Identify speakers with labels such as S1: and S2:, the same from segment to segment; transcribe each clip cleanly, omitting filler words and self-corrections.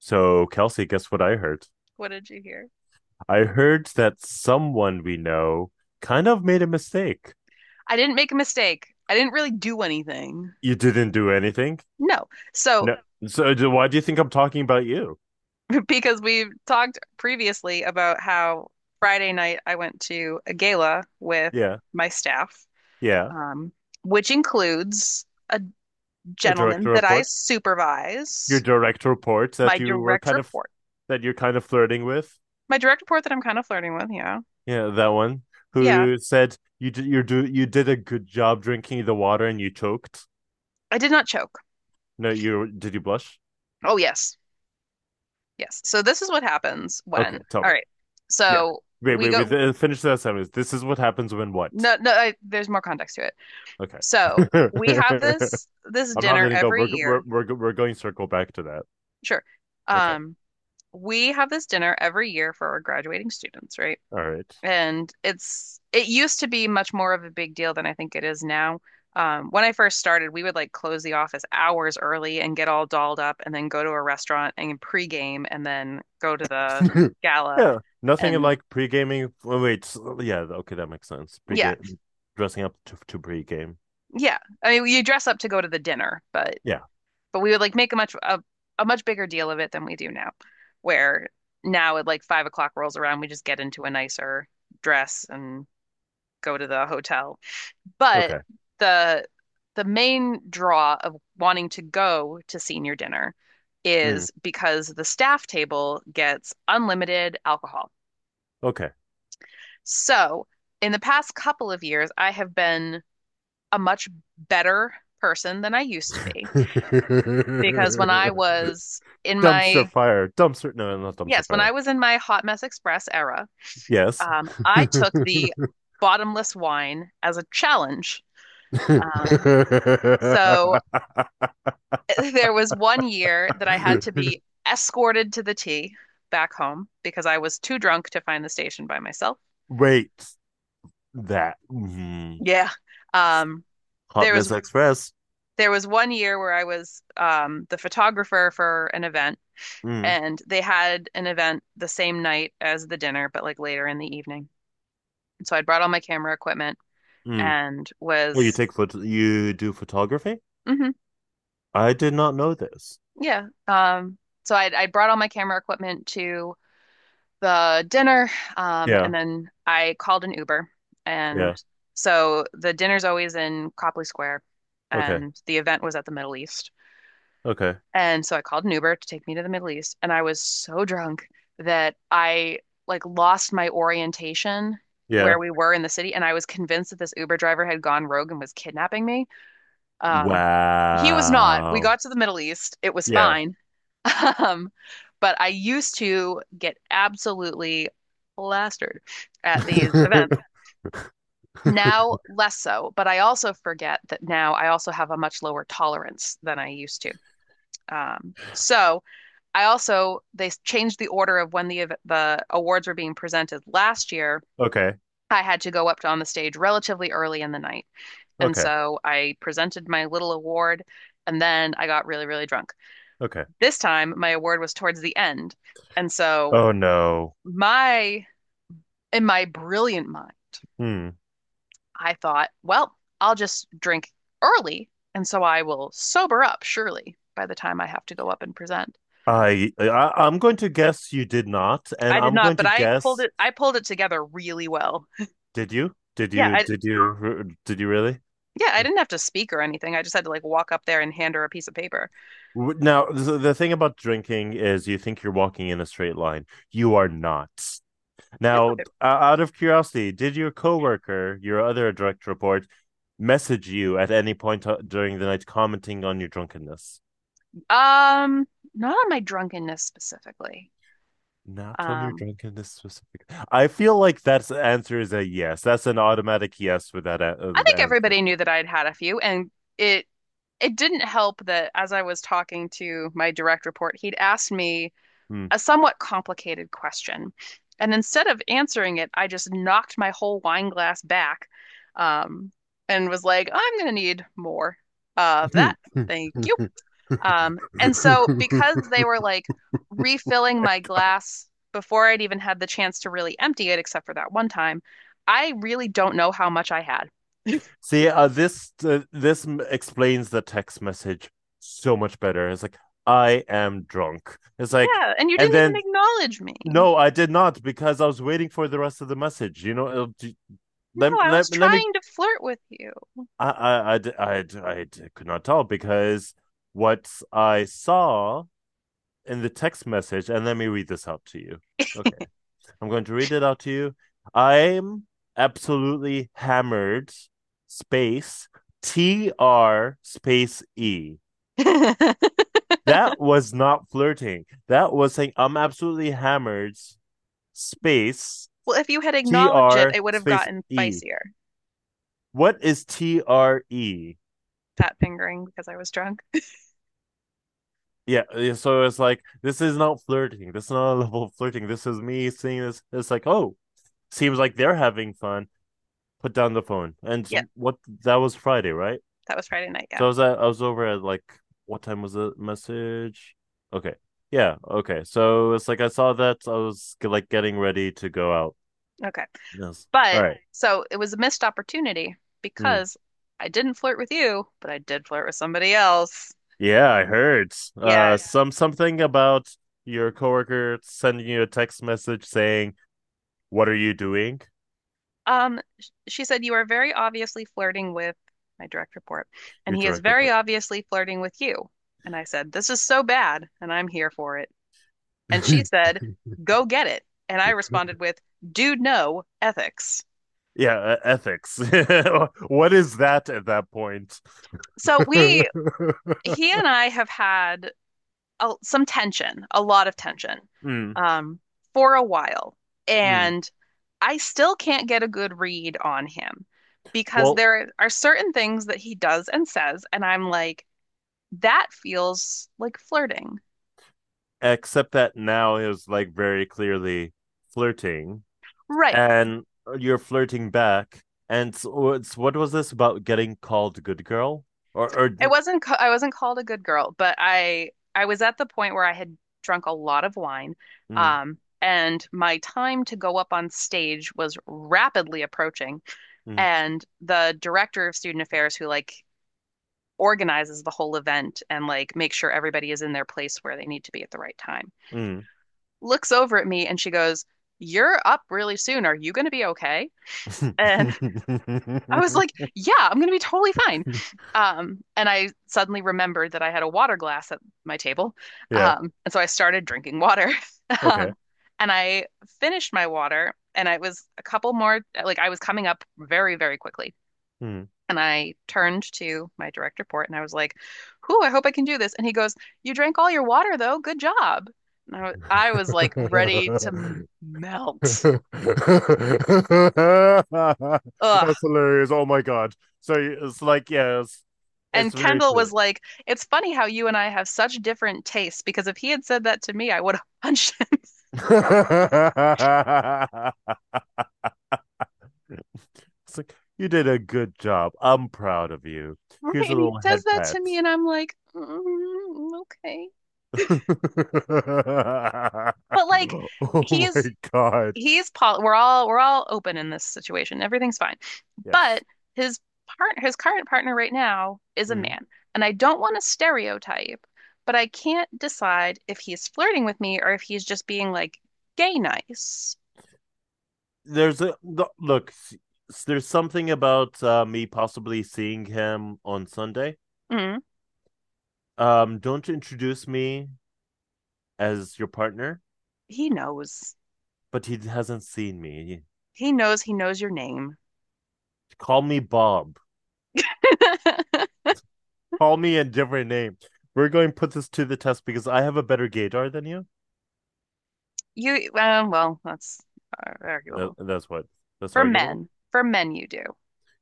S1: So, Kelsey, guess what I heard?
S2: What did you hear?
S1: I heard that someone we know kind of made a mistake.
S2: I didn't make a mistake. I didn't really do anything.
S1: You didn't do anything?
S2: No. So,
S1: No. So, why do you think I'm talking about you?
S2: because we've talked previously about how Friday night I went to a gala with
S1: Yeah.
S2: my staff,
S1: Yeah.
S2: um, which includes a
S1: A direct
S2: gentleman that I
S1: report. Your
S2: supervise,
S1: direct report
S2: my direct report,
S1: that you're kind of flirting with.
S2: my direct report that I'm kind of flirting with. Yeah.
S1: Yeah, that one
S2: Yeah.
S1: who said you did a good job drinking the water and you choked.
S2: I did not choke.
S1: No, you blush?
S2: Oh, yes. Yes. So, this is what happens
S1: Okay,
S2: when,
S1: tell
S2: all
S1: me.
S2: right.
S1: Yeah.
S2: So,
S1: Wait,
S2: we
S1: wait, wait.
S2: go,
S1: Finish that sentence. This is what happens when what?
S2: no, no, I, there's more context to it.
S1: Okay.
S2: So we have this
S1: I'm not
S2: dinner
S1: letting go.
S2: every
S1: We're we're
S2: year.
S1: we're, we're going to circle back to that.
S2: Sure.
S1: Okay.
S2: Um, we have this dinner every year for our graduating students, right?
S1: All right.
S2: And it used to be much more of a big deal than I think it is now. When I first started, we would like close the office hours early and get all dolled up and then go to a restaurant and pregame and then go to the gala,
S1: Yeah. Nothing
S2: and
S1: like pre-gaming. Oh, wait. Yeah. Okay, that makes sense.
S2: yeah,
S1: Pre-game, dressing up to pre-game.
S2: yeah, I mean, you dress up to go to the dinner, but
S1: Yeah.
S2: But we would like make a much bigger deal of it than we do now, where now at like 5 o'clock rolls around, we just get into a nicer dress and go to the hotel. But
S1: Okay.
S2: the the main draw of wanting to go to senior dinner
S1: Mm,
S2: is because the staff table gets unlimited alcohol.
S1: okay.
S2: So, in the past couple of years, I have been a much better person than I used to be because when I was in
S1: Dumpster
S2: my
S1: fire. Dumpster. No, not dumpster
S2: Yes, when
S1: fire.
S2: I was in my Hot Mess Express era,
S1: Yes.
S2: I took the bottomless wine as a challenge. Um, so there was one year that I had to be escorted to the tea back home because I was too drunk to find the station by myself.
S1: Wait. That. Mhm.
S2: Yeah. Um,
S1: Hot
S2: there was
S1: Mess Express.
S2: there was one year where I was the photographer for an event,
S1: Mm,
S2: and they had an event the same night as the dinner, but like later in the evening. And so I brought all my camera equipment
S1: mm.
S2: and
S1: Well, you
S2: was,
S1: take photo, you do photography?
S2: hmm
S1: I did not know this.
S2: yeah. So I brought all my camera equipment to the dinner,
S1: Yeah,
S2: and then I called an Uber,
S1: yeah.
S2: and so the dinner's always in Copley Square,
S1: Okay,
S2: and the event was at the Middle East,
S1: okay.
S2: and so I called an Uber to take me to the Middle East, and I was so drunk that I like lost my orientation where
S1: Yeah.
S2: we were in the city, and I was convinced that this Uber driver had gone rogue and was kidnapping me. Um, he was not. We
S1: Wow.
S2: got to the Middle East. It was
S1: Yeah.
S2: fine. Um, but I used to get absolutely plastered at these events. Now, less so, but I also forget that now I also have a much lower tolerance than I used to. So they changed the order of when the awards were being presented last year.
S1: Okay,
S2: I had to go up to on the stage relatively early in the night. And
S1: okay,
S2: so I presented my little award, and then I got really, really drunk.
S1: okay.
S2: This time, my award was towards the end. And so,
S1: Oh no.
S2: my, in my brilliant mind,
S1: Hmm.
S2: I thought, well, I'll just drink early. And so I will sober up, surely, by the time I have to go up and present.
S1: I, I I'm going to guess you did not, and
S2: I did
S1: I'm
S2: not,
S1: going
S2: but
S1: to
S2: I pulled
S1: guess
S2: it, I pulled it together really well.
S1: did you? Did
S2: Yeah,
S1: you? Did you? Did you really?
S2: yeah, I didn't have to speak or anything. I just had to like walk up there and hand her a piece of paper.
S1: Now, the thing about drinking is you think you're walking in a straight line. You are not.
S2: It's
S1: Now,
S2: okay.
S1: out of curiosity, did your coworker, your other direct report, message you at any point during the night commenting on your drunkenness?
S2: Um, not on my drunkenness specifically.
S1: Not on your
S2: Um,
S1: drunkenness specifically. I feel like that's the answer is a yes. That's an automatic yes with that
S2: I think
S1: answer.
S2: everybody knew that I'd had a few, and it it didn't help that as I was talking to my direct report, he'd asked me
S1: Hmm.
S2: a somewhat complicated question. And instead of answering it, I just knocked my whole wine glass back, um, and was like, I'm gonna need more of that. Thank you. And so because they were like refilling my glass before I'd even had the chance to really empty it, except for that one time, I really don't know how much I had.
S1: See, this this explains the text message so much better. It's like I am drunk. It's like,
S2: Yeah, and you
S1: and
S2: didn't even
S1: then
S2: acknowledge me.
S1: no, I did not because I was waiting for the rest of the message. You know,
S2: No,
S1: let
S2: I was
S1: let let me.
S2: trying to flirt with you.
S1: I could not tell because what I saw in the text message, and let me read this out to you. Okay, I'm going to read it out to you. I'm absolutely hammered. Space T R space E. That was not flirting. That was saying I'm absolutely hammered. Space
S2: Well, if you had
S1: T
S2: acknowledged it,
S1: R
S2: it would have
S1: space
S2: gotten
S1: E.
S2: spicier.
S1: What is TRE?
S2: Fat fingering because I was drunk.
S1: Yeah, yeah, so it's like this is not flirting. This is not a level of flirting. This is me seeing this. It's like, oh, seems like they're having fun. Put down the phone. And
S2: Yeah,
S1: what that was Friday, right?
S2: that was Friday night. Yeah.
S1: So I was over at like what time was the message? Okay, yeah, okay. So it's like I saw that I was like getting ready to go out.
S2: Okay.
S1: Yes. All
S2: But
S1: right.
S2: so it was a missed opportunity
S1: Hmm.
S2: because I didn't flirt with you, but I did flirt with somebody else.
S1: Yeah, I heard. Yeah.
S2: Yeah.
S1: Something about your coworker sending you a text message saying what are you doing?
S2: She said you are very obviously flirting with my direct report, and
S1: Your
S2: he is
S1: director
S2: very
S1: part.
S2: obviously flirting with you. And I said, this is so bad, and I'm here for it. And she said, go get it. And I responded with, dude, no ethics.
S1: Yeah, ethics. What is that at that point?
S2: So
S1: Mm,
S2: he and I have had some tension, a lot of tension, um, for a while.
S1: mm.
S2: And I still can't get a good read on him because
S1: Well,
S2: there are certain things that he does and says. And I'm like, that feels like flirting.
S1: except that now is like very clearly flirting,
S2: Right.
S1: and you're flirting back. And so it's, what was this about getting called good girl or
S2: It wasn't ca- I wasn't called a good girl, but I was at the point where I had drunk a lot of wine,
S1: mm,
S2: and my time to go up on stage was rapidly approaching.
S1: mm,
S2: And the director of student affairs, who like organizes the whole event and like makes sure everybody is in their place where they need to be at the right time,
S1: mm.
S2: looks over at me and she goes, "You're up really soon. Are you going to be okay?" And I was like, yeah, I'm gonna be totally fine. And I suddenly remembered that I had a water glass at my table.
S1: Yeah,
S2: And so I started drinking water.
S1: okay.
S2: Um, and I finished my water, and I was a couple more, like I was coming up very, very quickly.
S1: mm.
S2: And I turned to my direct report and I was like, whew, I hope I can do this. And he goes, you drank all your water though. Good job. And I was like ready to melt.
S1: That's
S2: Ugh.
S1: hilarious. Oh my God. So it's like, yeah, it's,
S2: And
S1: it's very
S2: Kendall
S1: clear.
S2: was like, it's funny how you and I have such different tastes because if he had said that to me, I would have punched him.
S1: It's like, you did a good job. I'm proud of you.
S2: Right.
S1: Here's a
S2: And he
S1: little
S2: says
S1: head
S2: that
S1: pat.
S2: to me, and I'm like, "Mm, okay." But like,
S1: Oh my
S2: he's
S1: God.
S2: he's poly, we're all open in this situation. Everything's fine. But
S1: Yes.
S2: his his current partner right now is a
S1: Mm.
S2: man. And I don't want to stereotype, but I can't decide if he's flirting with me or if he's just being like gay nice.
S1: There's look, there's something about me possibly seeing him on Sunday.
S2: Mm,
S1: Don't introduce me as your partner,
S2: he knows.
S1: but he hasn't seen me.
S2: He knows your name.
S1: Call me Bob. Call me a different name. We're going to put this to the test because I have a better gaydar than you.
S2: Well, that's
S1: That,
S2: arguable.
S1: that's what. That's arguable.
S2: For men, you do.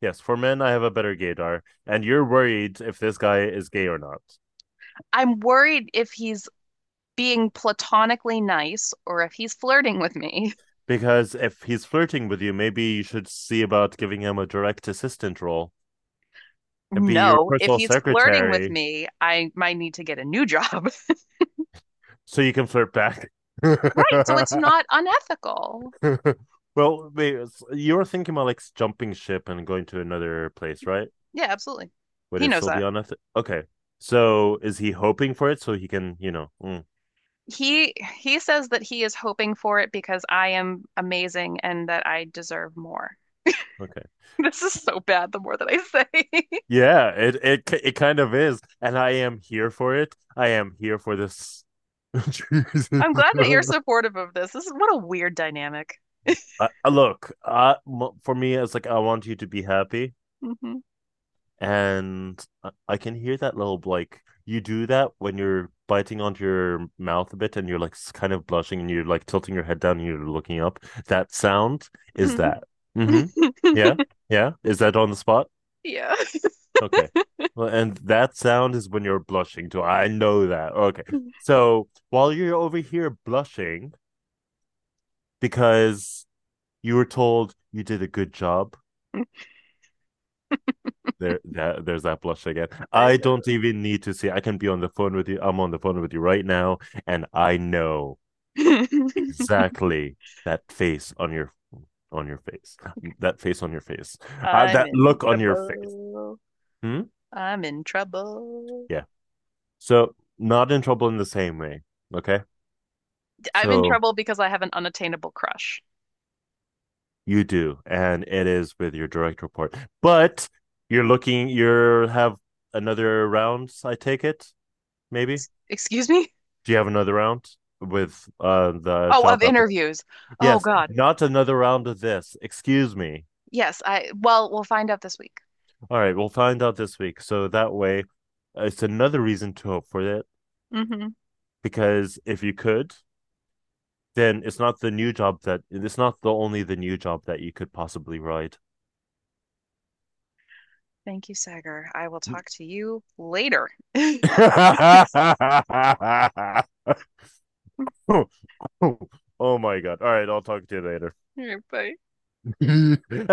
S1: Yes, for men, I have a better gaydar, and you're worried if this guy is gay or not.
S2: I'm worried if he's being platonically nice or if he's flirting with me.
S1: Because if he's flirting with you, maybe you should see about giving him a direct assistant role and be your
S2: No, if
S1: personal
S2: he's flirting with
S1: secretary
S2: me, I might need to get a new job.
S1: so you can flirt back.
S2: Right, so it's not unethical.
S1: Well, wait, you were thinking about like jumping ship and going to another place, right?
S2: Yeah, absolutely.
S1: Would
S2: He
S1: it
S2: knows
S1: still be
S2: that.
S1: on Eth-? Okay. So is he hoping for it so he can,
S2: He he says that he is hoping for it because I am amazing and that I deserve more.
S1: okay.
S2: This is so bad the more that I say.
S1: Yeah, it kind of is, and I am here for it. I am here for this. Jesus.
S2: I'm glad that you're supportive of this. This is what a weird dynamic.
S1: Look, for me, it's like I want you to be happy. And I can hear that little like you do that when you're biting onto your mouth a bit and you're like kind of blushing and you're like tilting your head down and you're looking up. That sound is
S2: Hmm.
S1: that. Mm-hmm. Yeah. Yeah. Is that on the spot?
S2: Yeah.
S1: Okay. Well, and that sound is when you're blushing too. I know that. Okay. So while you're over here blushing because you were told you did a good job, there's that blush again.
S2: I
S1: I don't even need to see. I can be on the phone with you. I'm on the phone with you right now, and I know
S2: know.
S1: exactly that face on your face, that face on your face,
S2: I'm
S1: that
S2: in
S1: look on your face.
S2: trouble.
S1: Hmm?
S2: I'm in trouble.
S1: Yeah. So not in trouble in the same way. Okay.
S2: I'm in
S1: So
S2: trouble because I have an unattainable crush.
S1: you do, and it is with your direct report, but you're looking. You're have another round. I take it, maybe.
S2: Excuse me?
S1: Do you have another round with the
S2: Oh,
S1: job
S2: of
S1: application?
S2: interviews. Oh
S1: Yes,
S2: God.
S1: not another round of this. Excuse me.
S2: Yes, I well, we'll find out this week.
S1: All right, we'll find out this week. So that way, it's another reason to hope for it
S2: Hmm.
S1: because if you could, then it's not the only the new job that you could possibly ride.
S2: Thank you, Sagar. I will talk to you later. All
S1: Oh my God. All right, I'll talk to you later.
S2: right, bye.
S1: and